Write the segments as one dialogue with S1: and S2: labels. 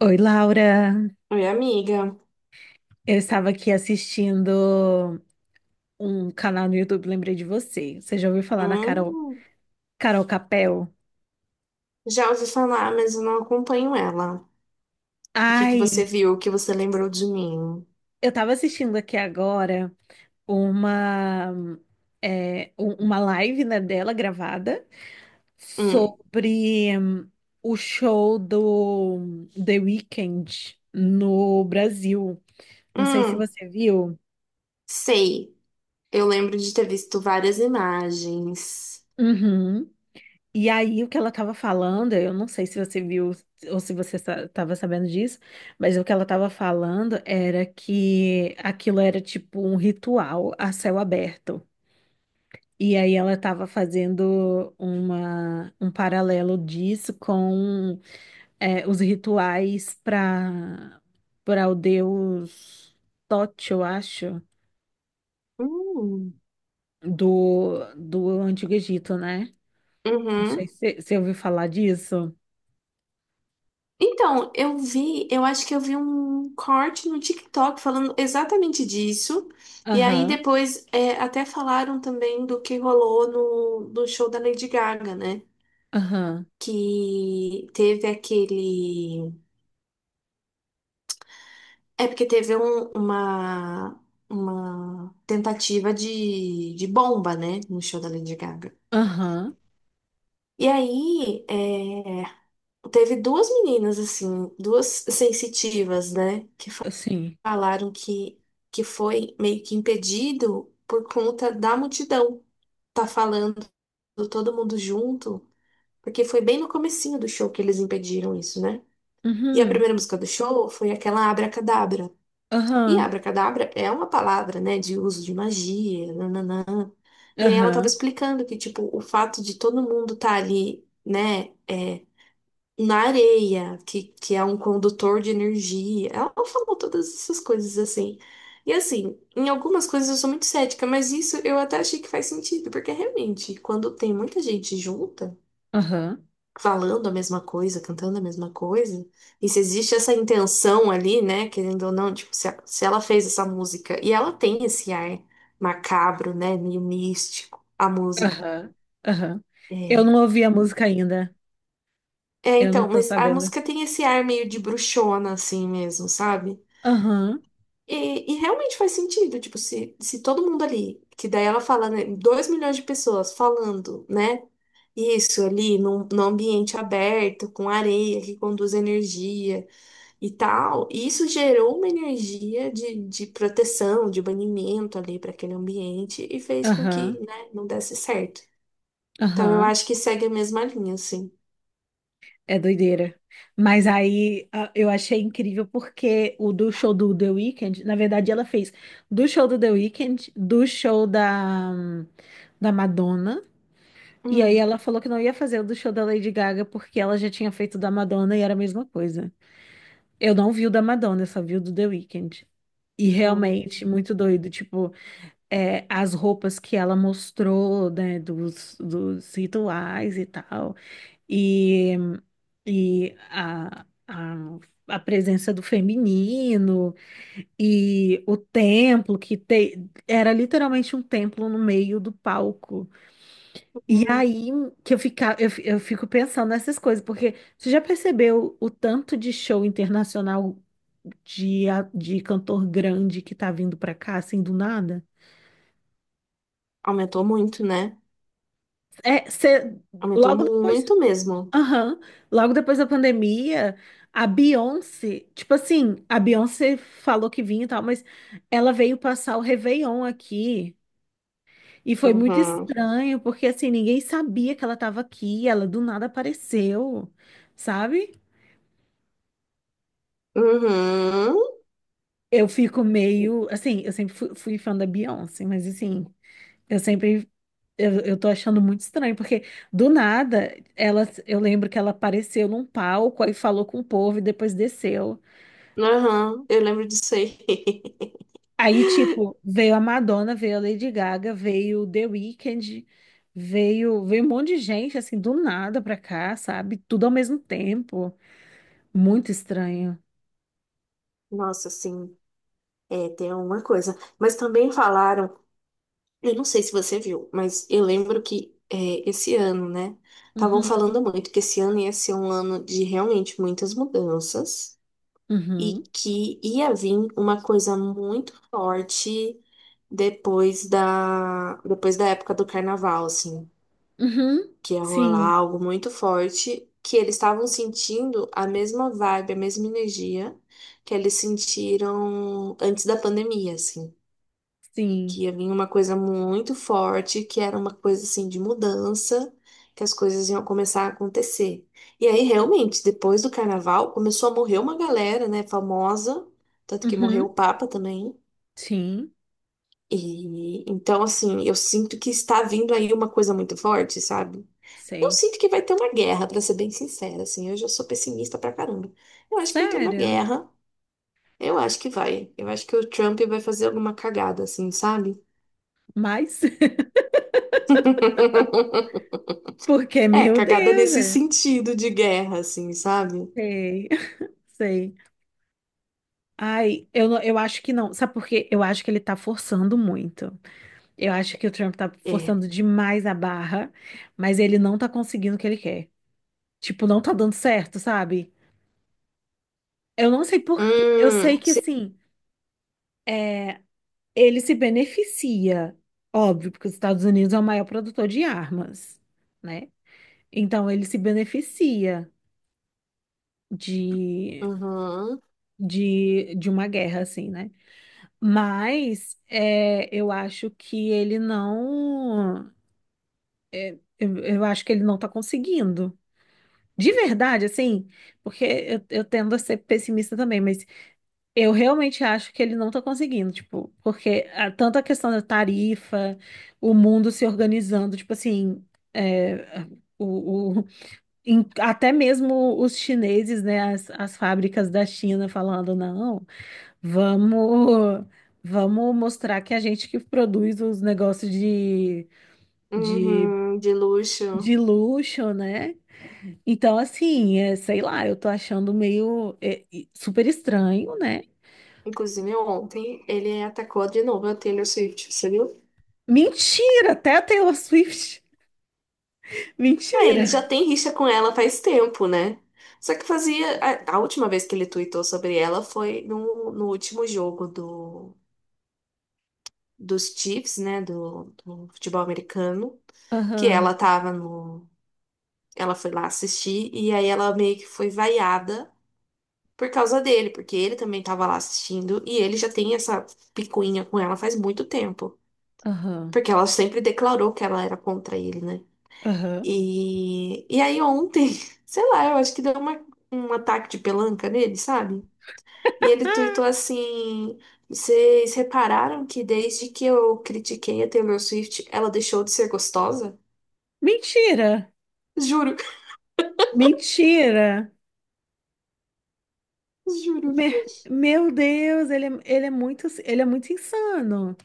S1: Oi, Laura.
S2: Oi, amiga.
S1: Eu estava aqui assistindo um canal no YouTube, lembrei de você. Você já ouviu falar na Carol,
S2: Hum,
S1: Carol Capel?
S2: já ouvi falar, mas eu não acompanho ela. O que você
S1: Ai,
S2: viu? O que você lembrou de mim?
S1: eu estava assistindo aqui agora uma, é, uma live, né, dela gravada
S2: Hum,
S1: sobre o show do The Weeknd no Brasil. Não sei se
S2: hum,
S1: você viu.
S2: sei. Eu lembro de ter visto várias imagens.
S1: Uhum. E aí, o que ela estava falando, eu não sei se você viu ou se você estava sabendo disso, mas o que ela estava falando era que aquilo era tipo um ritual a céu aberto. E aí ela estava fazendo uma, um paralelo disso com é, os rituais para o deus Tote, eu acho,
S2: Hum,
S1: do Antigo Egito, né? Não sei
S2: uhum.
S1: se você ouviu falar disso.
S2: Então, eu vi, eu acho que eu vi um corte no TikTok falando exatamente disso. E aí
S1: Aham,
S2: depois até falaram também do que rolou no show da Lady Gaga, né?
S1: aham.
S2: Que teve aquele. É porque teve uma tentativa de bomba, né, no show da Lady Gaga.
S1: Aham,
S2: E aí, teve duas meninas, assim, duas sensitivas, né, que
S1: sim.
S2: falaram que foi meio que impedido por conta da multidão. Tá falando todo mundo junto, porque foi bem no comecinho do show que eles impediram isso, né? E a
S1: Uhum,
S2: primeira música do show foi aquela Abracadabra. E
S1: aham,
S2: abracadabra é uma palavra, né, de uso de magia, nananã. E aí ela estava
S1: aham,
S2: explicando que, tipo, o fato de todo mundo estar ali, né, na areia, que é um condutor de energia. Ela falou todas essas coisas assim. E assim, em algumas coisas eu sou muito cética, mas isso eu até achei que faz sentido, porque realmente, quando tem muita gente junta,
S1: aham,
S2: falando a mesma coisa, cantando a mesma coisa. E se existe essa intenção ali, né, querendo ou não, tipo, se, se ela fez essa música e ela tem esse ar macabro, né, meio místico, a música.
S1: aham, aham. Eu
S2: É,
S1: não ouvi a música ainda.
S2: é
S1: Eu não
S2: então,
S1: tô
S2: mas a
S1: sabendo.
S2: música tem esse ar meio de bruxona, assim mesmo, sabe?
S1: Aham,
S2: E realmente faz sentido, tipo, se todo mundo ali, que daí ela fala, né, 2 milhões de pessoas falando, né, isso ali num ambiente aberto, com areia que conduz energia. E tal. E isso gerou uma energia de proteção, de banimento ali para aquele ambiente e fez com que,
S1: aham,
S2: né, não desse certo. Então eu
S1: aham.
S2: acho que segue a mesma linha, assim.
S1: É doideira. Mas aí eu achei incrível porque o do show do The Weeknd, na verdade ela fez do show do The Weeknd, do show da Madonna. E aí
S2: Hum,
S1: ela falou que não ia fazer o do show da Lady Gaga porque ela já tinha feito o da Madonna e era a mesma coisa. Eu não vi o da Madonna, eu só vi o do The Weeknd. E
S2: hum,
S1: realmente, muito doido. Tipo, é, as roupas que ela mostrou, né, dos rituais e tal. E, e a presença do feminino. E o templo, era literalmente um templo no meio do palco. E
S2: hum.
S1: aí que eu, fica, eu, fi- eu fico pensando nessas coisas, porque você já percebeu o tanto de show internacional de, de cantor grande que tá vindo pra cá, assim, do nada?
S2: Aumentou muito, né?
S1: É,
S2: Aumentou
S1: logo depois,
S2: muito mesmo.
S1: aham, logo depois da pandemia, a Beyoncé, tipo assim, a Beyoncé falou que vinha e tal, mas ela veio passar o Réveillon aqui e foi muito
S2: Uhum.
S1: estranho, porque assim, ninguém sabia que ela estava aqui, ela do nada apareceu, sabe?
S2: Uhum.
S1: Eu fico meio, assim, eu sempre fui fã da Beyoncé, mas assim, eu sempre, eu tô achando muito estranho, porque do nada, ela, eu lembro que ela apareceu num palco, aí falou com o povo e depois desceu.
S2: Uhum. Eu lembro disso aí.
S1: Aí, tipo, veio a Madonna, veio a Lady Gaga, veio o The Weeknd, veio um monte de gente, assim, do nada pra cá, sabe? Tudo ao mesmo tempo. Muito estranho.
S2: Nossa, assim, é, tem uma coisa. Mas também falaram. Eu não sei se você viu, mas eu lembro que esse ano, né? Estavam
S1: Uhum,
S2: falando muito que esse ano ia ser um ano de realmente muitas mudanças e
S1: uhum,
S2: que ia vir uma coisa muito forte depois depois da época do carnaval, assim,
S1: uhum,
S2: que ia rolar
S1: sim,
S2: algo muito forte, que eles estavam sentindo a mesma vibe, a mesma energia que eles sentiram antes da pandemia, assim
S1: sim,
S2: que ia vir uma coisa muito forte, que era uma coisa assim de mudança, que as coisas iam começar a acontecer. E aí, realmente, depois do carnaval, começou a morrer uma galera, né, famosa, tanto que morreu
S1: uhum,
S2: o Papa também.
S1: sim,
S2: E então, assim, eu sinto que está vindo aí uma coisa muito forte, sabe? Eu
S1: sei.
S2: sinto que vai ter uma guerra, pra ser bem sincera, assim, eu já sou pessimista pra caramba. Eu acho que vai ter uma
S1: Sério?
S2: guerra. Eu acho que vai. Eu acho que o Trump vai fazer alguma cagada, assim, sabe?
S1: Mas porque,
S2: É,
S1: meu
S2: cagada
S1: Deus,
S2: nesse sentido de guerra, assim, sabe?
S1: sei, sei. Ai, eu acho que não. Sabe por quê? Eu acho que ele tá forçando muito. Eu acho que o Trump tá
S2: É.
S1: forçando demais a barra, mas ele não tá conseguindo o que ele quer. Tipo, não tá dando certo, sabe? Eu não sei por quê. Eu sei
S2: Hum,
S1: que,
S2: se-
S1: assim, é, ele se beneficia, óbvio, porque os Estados Unidos é o maior produtor de armas, né? Então, ele se beneficia de
S2: uhum,
S1: de uma guerra, assim, né? Mas é, eu acho que ele não. Eu acho que ele não tá conseguindo. De verdade, assim, porque eu tendo a ser pessimista também, mas eu realmente acho que ele não tá conseguindo, tipo, porque a, tanto a questão da tarifa, o mundo se organizando, tipo assim, é, o, o- até mesmo os chineses, né, as fábricas da China falando, não. Vamos, vamos mostrar que a gente que produz os negócios de,
S2: uhum, de luxo.
S1: de luxo, né? Então, assim, é, sei lá, eu tô achando meio super estranho, né?
S2: Inclusive, ontem ele atacou de novo a Taylor Swift, você viu?
S1: Mentira, até a Taylor Swift.
S2: Ah, ele já
S1: Mentira.
S2: tem rixa com ela faz tempo, né? Só que fazia. A última vez que ele tweetou sobre ela foi no último jogo do, dos Chiefs, né? Do futebol americano. Que
S1: Aham,
S2: ela tava no. Ela foi lá assistir e aí ela meio que foi vaiada por causa dele, porque ele também estava lá assistindo e ele já tem essa picuinha com ela faz muito tempo,
S1: aham,
S2: porque ela sempre declarou que ela era contra ele, né?
S1: aham.
S2: E aí ontem, sei lá, eu acho que deu uma, um ataque de pelanca nele, sabe? E ele
S1: Ah,
S2: tuitou assim: Vocês repararam que desde que eu critiquei a Taylor Swift, ela deixou de ser gostosa?
S1: mentira,
S2: Juro,
S1: mentira.
S2: juro.
S1: Me- meu Deus, ele é muito insano.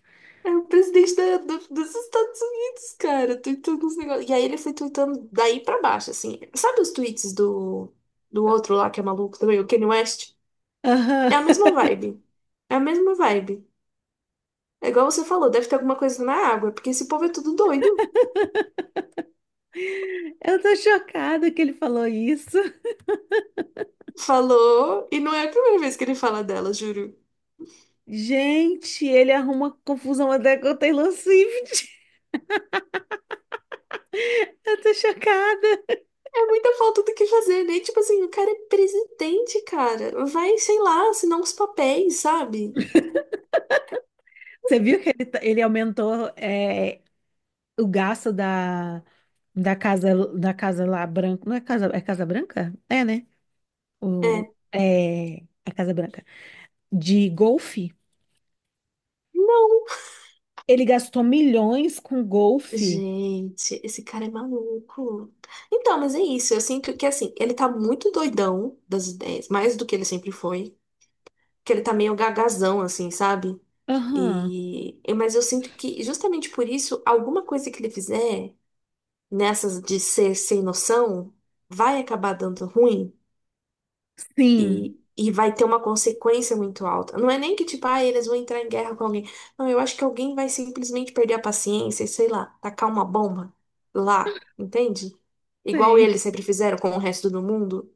S2: É o presidente dos Estados Unidos, cara, tweetando uns negócios. E aí ele foi tweetando daí pra baixo, assim. Sabe os tweets do outro lá que é maluco também, o Kanye West?
S1: Aham.
S2: É a mesma vibe. É a mesma vibe. É igual você falou, deve ter alguma coisa na água, porque esse povo é tudo doido.
S1: Eu tô chocada que ele falou isso.
S2: Falou, e não é a primeira vez que ele fala dela, juro.
S1: Gente, ele arruma confusão até com o Taylor Swift. Eu tô chocada.
S2: É muita falta do que fazer, né? Tipo assim, o cara é presidente, cara. Vai, sei lá, assinar uns papéis, sabe?
S1: Você viu que ele aumentou é, o gasto da casa da casa lá branca. Não é casa, é Casa Branca? É, né? O,
S2: É.
S1: é, a Casa Branca. De golfe.
S2: Não.
S1: Ele gastou milhões com golfe.
S2: Gente, esse cara é maluco. Então, mas é isso. Eu sinto que, assim, ele tá muito doidão das ideias, mais do que ele sempre foi. Que ele tá meio gagazão, assim, sabe?
S1: Aham.
S2: Mas eu sinto que, justamente por isso, alguma coisa que ele fizer nessas de ser sem noção vai acabar dando ruim.
S1: Sim.
S2: E vai ter uma consequência muito alta. Não é nem que, tipo, ah, eles vão entrar em guerra com alguém. Não, eu acho que alguém vai simplesmente perder a paciência e, sei lá, tacar uma bomba lá, entende? Igual
S1: Sei.
S2: eles sempre fizeram com o resto do mundo,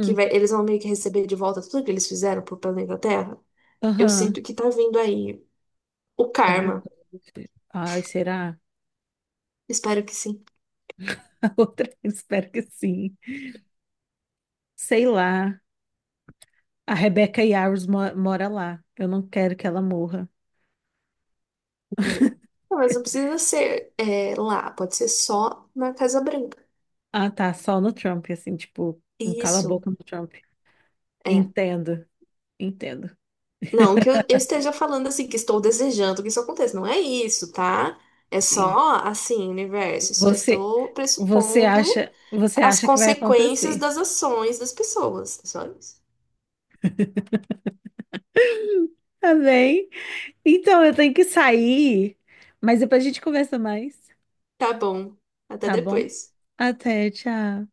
S2: eles vão meio que receber de volta tudo que eles fizeram pro planeta Terra. Eu
S1: Aham.
S2: sinto que tá vindo aí o
S1: Alguma
S2: karma.
S1: coisa. Do tipo. Ai, será?
S2: Espero que sim.
S1: A outra, espero que sim. Sei lá. A Rebecca Yarros mora lá. Eu não quero que ela morra.
S2: Uhum. Não, mas não precisa ser lá, pode ser só na Casa Branca.
S1: Ah, tá. Só no Trump, assim, tipo, um
S2: Isso.
S1: cala-boca no Trump.
S2: é,
S1: Entendo, entendo.
S2: Não que eu esteja falando assim, que estou desejando que isso aconteça. Não é isso, tá? É
S1: Sim.
S2: só assim, universo. Só
S1: Você,
S2: estou pressupondo
S1: você
S2: as
S1: acha que vai
S2: consequências
S1: acontecer.
S2: das ações das pessoas. É só isso.
S1: Tá bem? Então, eu tenho que sair, mas depois a gente conversa mais,
S2: Tá bom. Até
S1: tá bom?
S2: depois.
S1: Até, tchau.